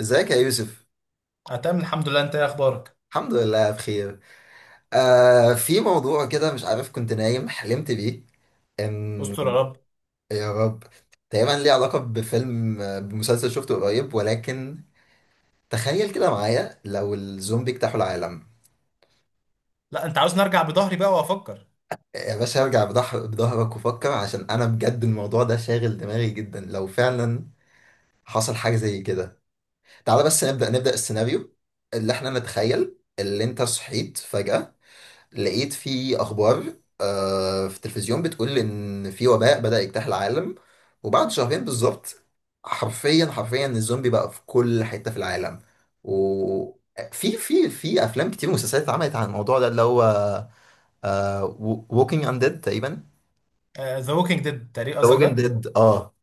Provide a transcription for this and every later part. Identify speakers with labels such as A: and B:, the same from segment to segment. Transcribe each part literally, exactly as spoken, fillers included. A: ازيك يا يوسف؟
B: أنا تمام الحمد لله. أنت إيه أخبارك؟
A: الحمد لله بخير. آه، في موضوع كده مش عارف، كنت نايم حلمت بيه
B: استر يا
A: ان.
B: رب.
A: يا رب. تقريبا ليه علاقة بفيلم، آه، بمسلسل شفته قريب، ولكن تخيل كده معايا لو الزومبي اجتاحوا العالم.
B: لا، أنت عاوز نرجع بظهري بقى وأفكر.
A: يا باشا ارجع بضح- بظهرك وفكر، عشان انا بجد الموضوع ده شاغل دماغي جدا لو فعلا حصل حاجة زي كده. تعال بس نبدأ نبدأ السيناريو اللي احنا نتخيل، اللي انت صحيت فجأة لقيت في اخبار، آه، في التلفزيون، بتقول ان في وباء بدأ يجتاح العالم. وبعد شهرين بالظبط، حرفيا حرفيا الزومبي بقى في كل حتة في العالم. وفي في في افلام كتير ومسلسلات اتعملت عن الموضوع ده، اللي هو ووكينج انديد تقريبا.
B: ذا ووكينج ديد تقريبا
A: ذا
B: قصدك
A: ووكينج
B: ده؟
A: ديد، اه.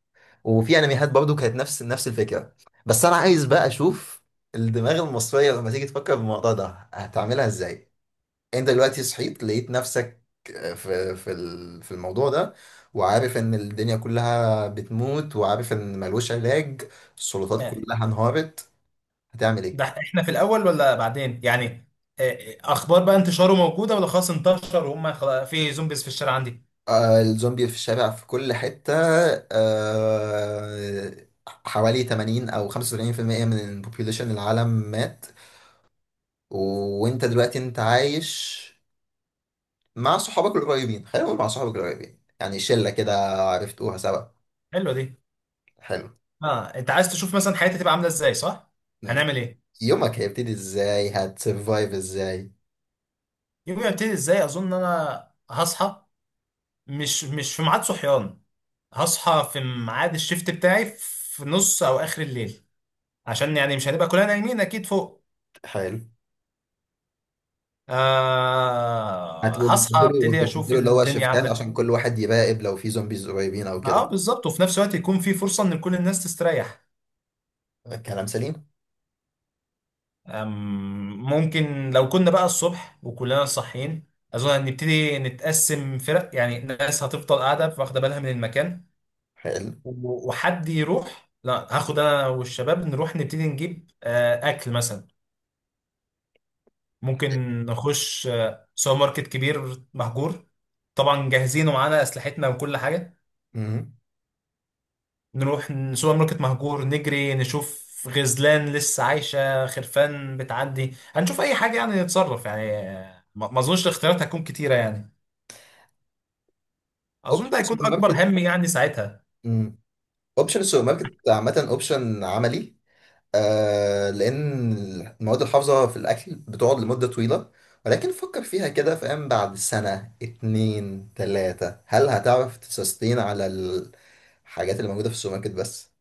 A: وفي انميات برضو كانت نفس نفس الفكرة. بس انا عايز بقى اشوف الدماغ المصرية لما تيجي تفكر في الموضوع ده هتعملها ازاي. انت دلوقتي صحيت، لقيت نفسك آه، في في ال- في الموضوع ده، وعارف ان الدنيا كلها بتموت، وعارف ان ملوش علاج، السلطات
B: آه،
A: كلها انهارت. هتعمل ايه؟
B: ده إحنا في الأول ولا بعدين؟ يعني آه، آه، أخبار بقى انتشاره موجودة، ولا خلاص انتشر وهم خلاص في زومبيز في الشارع عندي؟
A: آه، الزومبي في الشارع في كل حتة. آه، حوالي ثمانين او خمسة وسبعين في المية من البوبيوليشن العالم مات. و- وانت دلوقتي انت عايش مع صحابك القريبين، خلينا نقول مع صحابك القريبين، يعني شلة كده عرفتوها سوا.
B: حلوة دي.
A: حلو.
B: أه، أنت عايز تشوف مثلا حياتي تبقى عاملة إزاي، صح؟ هنعمل إيه؟
A: يومك هيبتدي ازاي؟ هتسرفايف ازاي؟
B: يومي هيبتدي إزاي؟ أظن إن أنا هصحى مش مش في ميعاد صحيان، هصحى في ميعاد الشيفت بتاعي في نص أو آخر الليل، عشان يعني مش هنبقى كلنا نايمين أكيد فوق.
A: حلو.
B: آه
A: هتبقوا
B: هصحى،
A: بتبدلوا
B: ابتدي اشوف
A: بتبدلوا اللي هو
B: الدنيا
A: شفتات،
B: عامله ازاي.
A: عشان كل واحد يراقب لو في زومبيز قريبين او كده.
B: اه، بالظبط، وفي نفس الوقت يكون في فرصه ان كل الناس تستريح.
A: كلام سليم.
B: آم، ممكن لو كنا بقى الصبح وكلنا صاحيين، اظن ان نبتدي نتقسم فرق، يعني ناس هتفضل قاعده واخده بالها من المكان،
A: حلو.
B: و- وحد يروح، لا هاخد انا والشباب نروح نبتدي نجيب آه اكل مثلا، ممكن نخش آه سوبر ماركت كبير مهجور، طبعا جاهزين ومعانا اسلحتنا وكل حاجه، نروح ن- سوبر ماركت مهجور، نجري نشوف غزلان لسه عايشة، خرفان بتعدي، هنشوف أي حاجة يعني نتصرف يعني. ما ما أظنش الاختيارات هتكون كتيرة يعني، أظن
A: اوبشن
B: ده هيكون
A: السوبر
B: أكبر
A: ماركت،
B: هم يعني ساعتها.
A: اوبشن السوبر ماركت عامة اوبشن عملي. آه، لان المواد الحافظة في الاكل بتقعد لمدة طويلة. ولكن فكر فيها كده، فاهم؟ بعد سنة اتنين تلاتة، هل هتعرف تسستين على الحاجات اللي موجودة في السوبر ماركت بس؟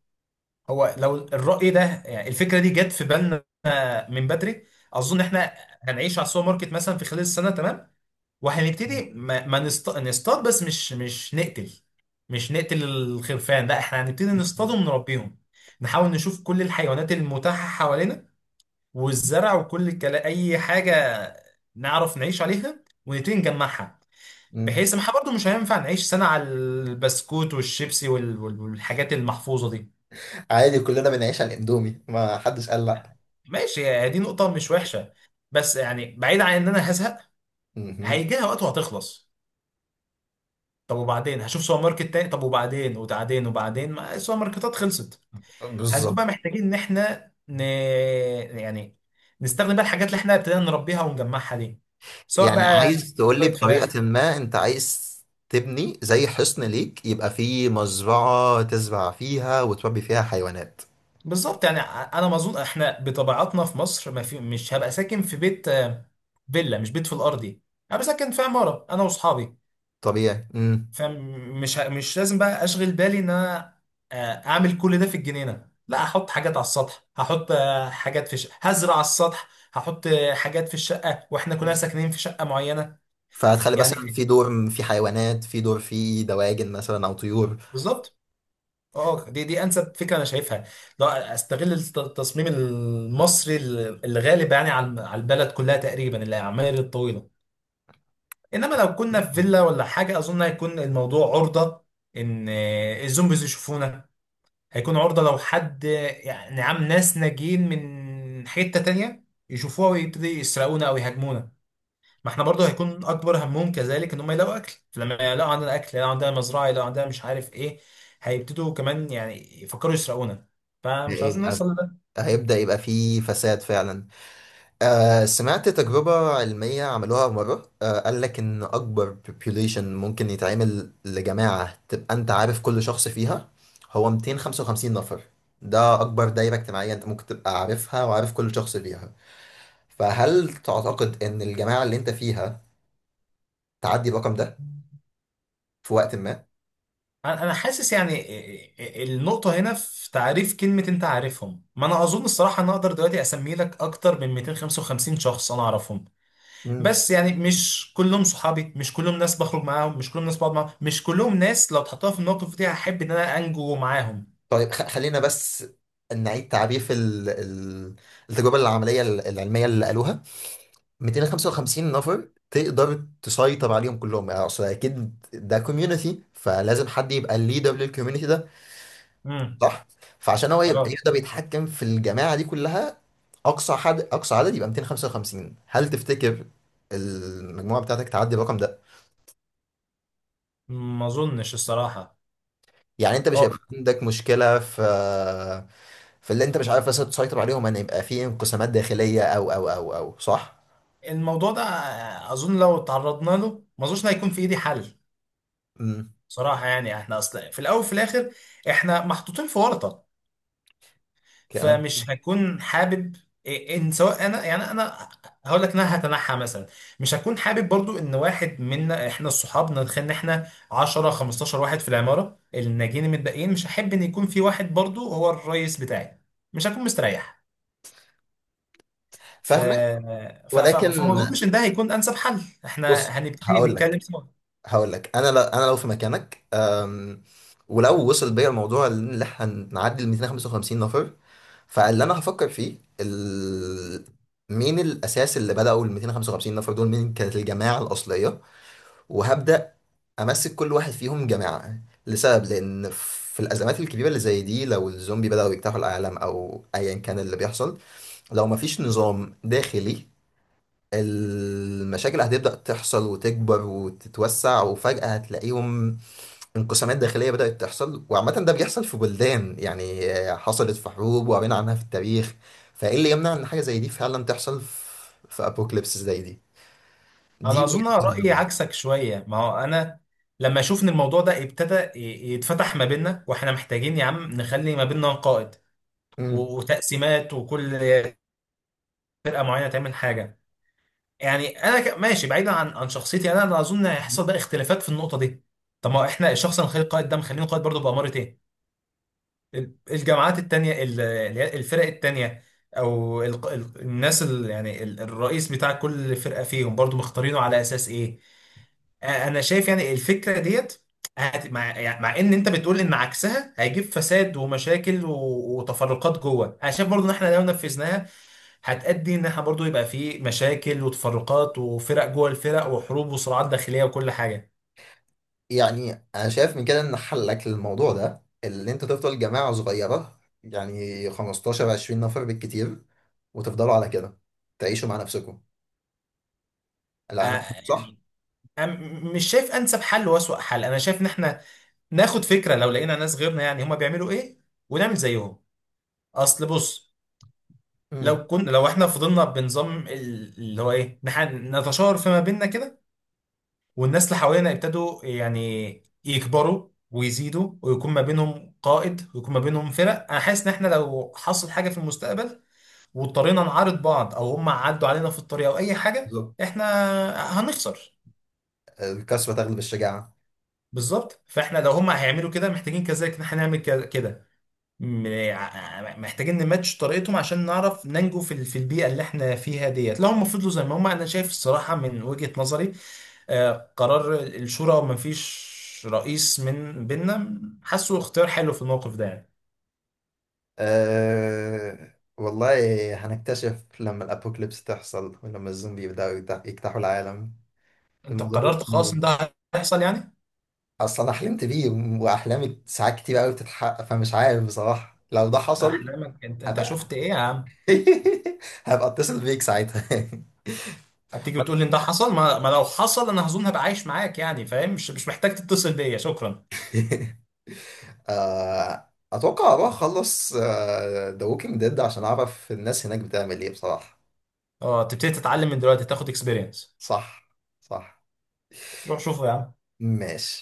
B: هو لو الرأي ده، يعني الفكرة دي جت في بالنا من بدري، أظن إحنا هنعيش على السوبر ماركت مثلا في خلال السنة، تمام، وهنبتدي ما, ما نست... نصطاد، بس مش مش نقتل، مش نقتل الخرفان، لا إحنا هنبتدي نصطادهم ونربيهم، نحاول نشوف كل الحيوانات المتاحة حوالينا والزرع وكل الكلام، اي حاجه نعرف نعيش عليها ونبتدي نجمعها،
A: مم.
B: بحيث ما احنا برضه مش هينفع نعيش سنه على البسكوت والشيبسي وال- وال- والحاجات المحفوظه دي.
A: عادي، كلنا بنعيش على الاندومي، ما حدش قال لا.
B: ماشي، هي دي نقطه مش وحشه، بس يعني بعيد عن ان انا هزهق،
A: مهم.
B: هيجيها وقت وهتخلص، طب وبعدين هشوف سوبر ماركت تاني، طب وبعدين وبعدين وبعدين ما السوبر ماركتات خلصت، هنكون
A: بالظبط.
B: بقى محتاجين ان احنا ن... يعني نستخدم بقى الحاجات اللي احنا ابتدينا نربيها ونجمعها دي، سواء
A: يعني
B: بقى
A: عايز تقول لي
B: شويه فراخ.
A: بطريقة ما، انت عايز تبني زي حصن ليك يبقى فيه مزرعة تزرع فيها وتربي فيها حيوانات.
B: بالظبط، يعني ع- انا ما اظن احنا بطبيعتنا في مصر، ما في، مش هبقى ساكن في بيت، آه، فيلا مش بيت في الارضي، هبقى ساكن في عماره انا واصحابي،
A: طبيعي. امم.
B: فمش ه- مش لازم بقى اشغل بالي ان انا آه، اعمل كل ده في الجنينه، لا هحط حاجات على السطح، هحط آه، حاجات في ش... هزرع على السطح، هحط آه، حاجات في الشقه واحنا كلنا ساكنين في شقه معينه،
A: فهتخلي مثلا
B: يعني
A: في دور في حيوانات، في دور في دواجن مثلا او طيور.
B: بالظبط. اه، دي دي انسب فكره انا شايفها، لا استغل الت- التصميم المصري اللي غالب يعني على على البلد كلها تقريبا، العماير الطويله، انما لو كنا في فيلا ولا حاجه اظن هيكون الموضوع عرضه ان آه، الزومبيز يشوفونا، هيكون عرضه لو حد آه، يعني عام، ناس ناجين من حته تانية يشوفوها ويبتدي يسرقونا او يهاجمونا. ما احنا برضو هيكون اكبر همهم كذلك ان هم يلاقوا اكل، لما يلاقوا عندنا اكل، يلاقوا عندنا مزرعه، يلاقوا عندنا مش عارف ايه، هيبتدوا كمان يعني يفكروا يسرقونا، فمش عاوزين نوصل
A: هيبقى
B: لده.
A: هيبدأ يبقى فيه فساد فعلا. آه، سمعت تجربة علمية عملوها مرة، آه قال لك إن أكبر population ممكن يتعمل لجماعة تبقى أنت عارف كل شخص فيها هو مئتين وخمسة وخمسين نفر. ده أكبر دايرة اجتماعية أنت ممكن تبقى عارفها وعارف كل شخص فيها. فهل تعتقد إن الجماعة اللي أنت فيها تعدي الرقم ده في وقت ما؟
B: انا أنا حاسس يعني إيه- إيه- النقطه هنا في تعريف كلمه انت عارفهم. ما انا اظن الصراحه ان اقدر دلوقتي اسمي لك اكتر من مئتين وخمسة وخمسين شخص انا اعرفهم،
A: مم.
B: بس يعني مش كلهم صحابي، مش كلهم ناس بخرج معاهم، مش كلهم ناس بقعد معاهم، مش كلهم ناس لو اتحطها في الموقف دي هحب ان انا انجو معاهم.
A: طيب، خ- خلينا بس نعيد تعريف ال- ال- التجربة العملية العلمية اللي قالوها. مئتين وخمسة وخمسين نفر تقدر تسيطر عليهم كلهم، يعني اصل اكيد ده كوميونتي، فلازم حد يبقى الليدر للكوميونتي ده،
B: امم.
A: صح؟ فعشان هو يبقى
B: اه،
A: يقدر يتحكم في الجماعه دي كلها، اقصى حد اقصى عدد يبقى مئتين وخمسة وخمسين. هل تفتكر المجموعه بتاعتك تعدي الرقم ده؟
B: ما اظنش الصراحه.
A: يعني انت مش هيبقى
B: خالص.
A: عندك مشكله في في اللي انت مش عارف مثلا تسيطر عليهم، ان يبقى في انقسامات داخليه، او او او او صح؟
B: الموضوع ده، اظن لو تعرضنا له ما اظنش إن هيكون في ايدي حل،
A: امم.
B: صراحه، يعني احنا اصلا في الاول وفي الاخر احنا محطوطين في ورطه،
A: كلام.
B: فمش هكون حابب إيه- ان سواء انا يعني انا هقول لك إن انا هتنحى مثلا، مش هكون حابب برضو ان واحد منا احنا الصحاب، نتخيل ان احنا عشرة خمستاشر واحد في العماره الناجين المتبقيين، مش هحب ان يكون في واحد برضو هو الرئيس بتاعي، مش هكون مستريح. ف...
A: فاهمك.
B: ف... ف...
A: ولكن
B: فما اظنش ان ده هيكون انسب حل، احنا
A: بص،
B: هنبتدي
A: هقول
B: نتكلم
A: لك
B: سوا.
A: هقول لك انا، لو انا لو في مكانك، أم، ولو وصل بيا الموضوع اللي احنا هنعدي ال مئتين وخمسة وخمسين نفر، فاللي انا هفكر فيه ال... مين الاساس اللي بداوا ال مئتين وخمسة وخمسين نفر دول، مين كانت الجماعه الاصليه، وهبدا امسك كل واحد فيهم جماعه. لسبب، لان في الازمات الكبيره اللي زي دي، لو الزومبي بداوا يجتاحوا العالم او ايا كان اللي بيحصل، لو مفيش نظام داخلي، المشاكل هتبدأ تحصل وتكبر وتتوسع، وفجأة هتلاقيهم انقسامات داخلية بدأت تحصل. وعامة ده بيحصل في بلدان، يعني آه، حصلت في حروب وقرينا عنها في التاريخ. فإيه اللي يمنع إن حاجة زي دي فعلا تحصل في, في أبوكاليبس زي دي. دي
B: انا اظن
A: وجهة
B: أنا رايي
A: نظري.
B: عكسك شويه، ما هو انا، لما اشوف ان الموضوع ده ابتدى ي- يتفتح ما بيننا، واحنا محتاجين يا عم نخلي ما بيننا قائد
A: مم.
B: و- وتقسيمات، وكل فرقه معينه تعمل حاجه، يعني انا ك- ماشي بعيدا عن عن شخصيتي، انا انا اظن هيحصل بقى اختلافات في النقطه دي. طب ما هو احنا الشخص اللي نخليه قائد ده مخلينه قائد برضه باماره ايه؟ الجامعات التانية ال- اللي هي الفرق التانية، او ال- ال- الناس ال- يعني ال- الرئيس بتاع كل فرقة فيهم برضو مختارينه على اساس ايه؟ آه، انا شايف يعني الفكرة ديت هت- مع، يعني مع ان انت بتقول ان عكسها هيجيب فساد ومشاكل و- وتفرقات جوه، انا شايف برضو ان احنا لو نفذناها هتأدي ان احنا برضو يبقى في مشاكل وتفرقات وفرق جوه الفرق وحروب وصراعات داخلية وكل حاجة.
A: يعني أنا شايف من كده إن حلك للموضوع ده اللي أنت تفضل جماعة صغيرة، يعني خمستاشر عشرين نفر بالكتير، وتفضلوا على كده، تعيشوا مع نفسكم.
B: آه،
A: لا، أنا صح؟
B: يعني أنا م- مش شايف انسب حل واسوأ حل، انا شايف ان احنا ناخد فكره لو لقينا ناس غيرنا يعني هما بيعملوا ايه ونعمل زيهم. اصل بص،
A: مم.
B: لو كنا لو احنا فضلنا بنظام ال- اللي هو ايه نح- نتشاور فيما بيننا كده، والناس اللي حوالينا يبتدوا يعني يكبروا ويزيدوا، ويكون ما بينهم قائد، ويكون ما بينهم فرق، انا حاسس ان احنا لو حصل حاجه في المستقبل واضطرينا نعارض بعض او هم عدوا علينا في الطريق او اي حاجه،
A: بالظبط.
B: احنا هنخسر.
A: الكثرة تغلب الشجاعة.
B: بالظبط، فاحنا لو هم هيعملوا كده محتاجين كذلك ان احنا نعمل كده، م- ع- محتاجين نماتش طريقتهم عشان نعرف ننجو في ال- في البيئه اللي احنا فيها ديت، لو هم فضلوا زي ما هم. انا شايف الصراحه من وجهه نظري، آه، قرار الشورى وما فيش رئيس من بيننا، حاسه اختيار حلو في الموقف ده يعني.
A: أه والله هنكتشف لما الأبوكليبس تحصل ولما الزومبي يبدأوا يجت- يجتاحوا العالم.
B: انت
A: الموضوع ده
B: قررت خلاص ان ده هيحصل يعني؟
A: أصلا أنا حلمت بيه، وأحلامي ساعات كتير أوي بتتحقق، فمش عارف بصراحة لو ده حصل.
B: احلامك انت انت
A: هبقى
B: شفت ايه يا عم؟
A: هبقى أتصل بيك ساعتها.
B: هتيجي وتقول لي ان ده حصل؟ ما, ما لو حصل انا هظن هبقى عايش معاك يعني، فاهم؟ مش مش محتاج تتصل بيا، شكرا.
A: أه، أتوقع أروح أخلص ذا ووكينج ديد عشان أعرف الناس هناك بتعمل إيه بصراحة.
B: اه، تبتدي تتعلم من دلوقتي، تاخد اكسبيرينس.
A: صح، صح.
B: روح شوفه يا عم.
A: ماشي.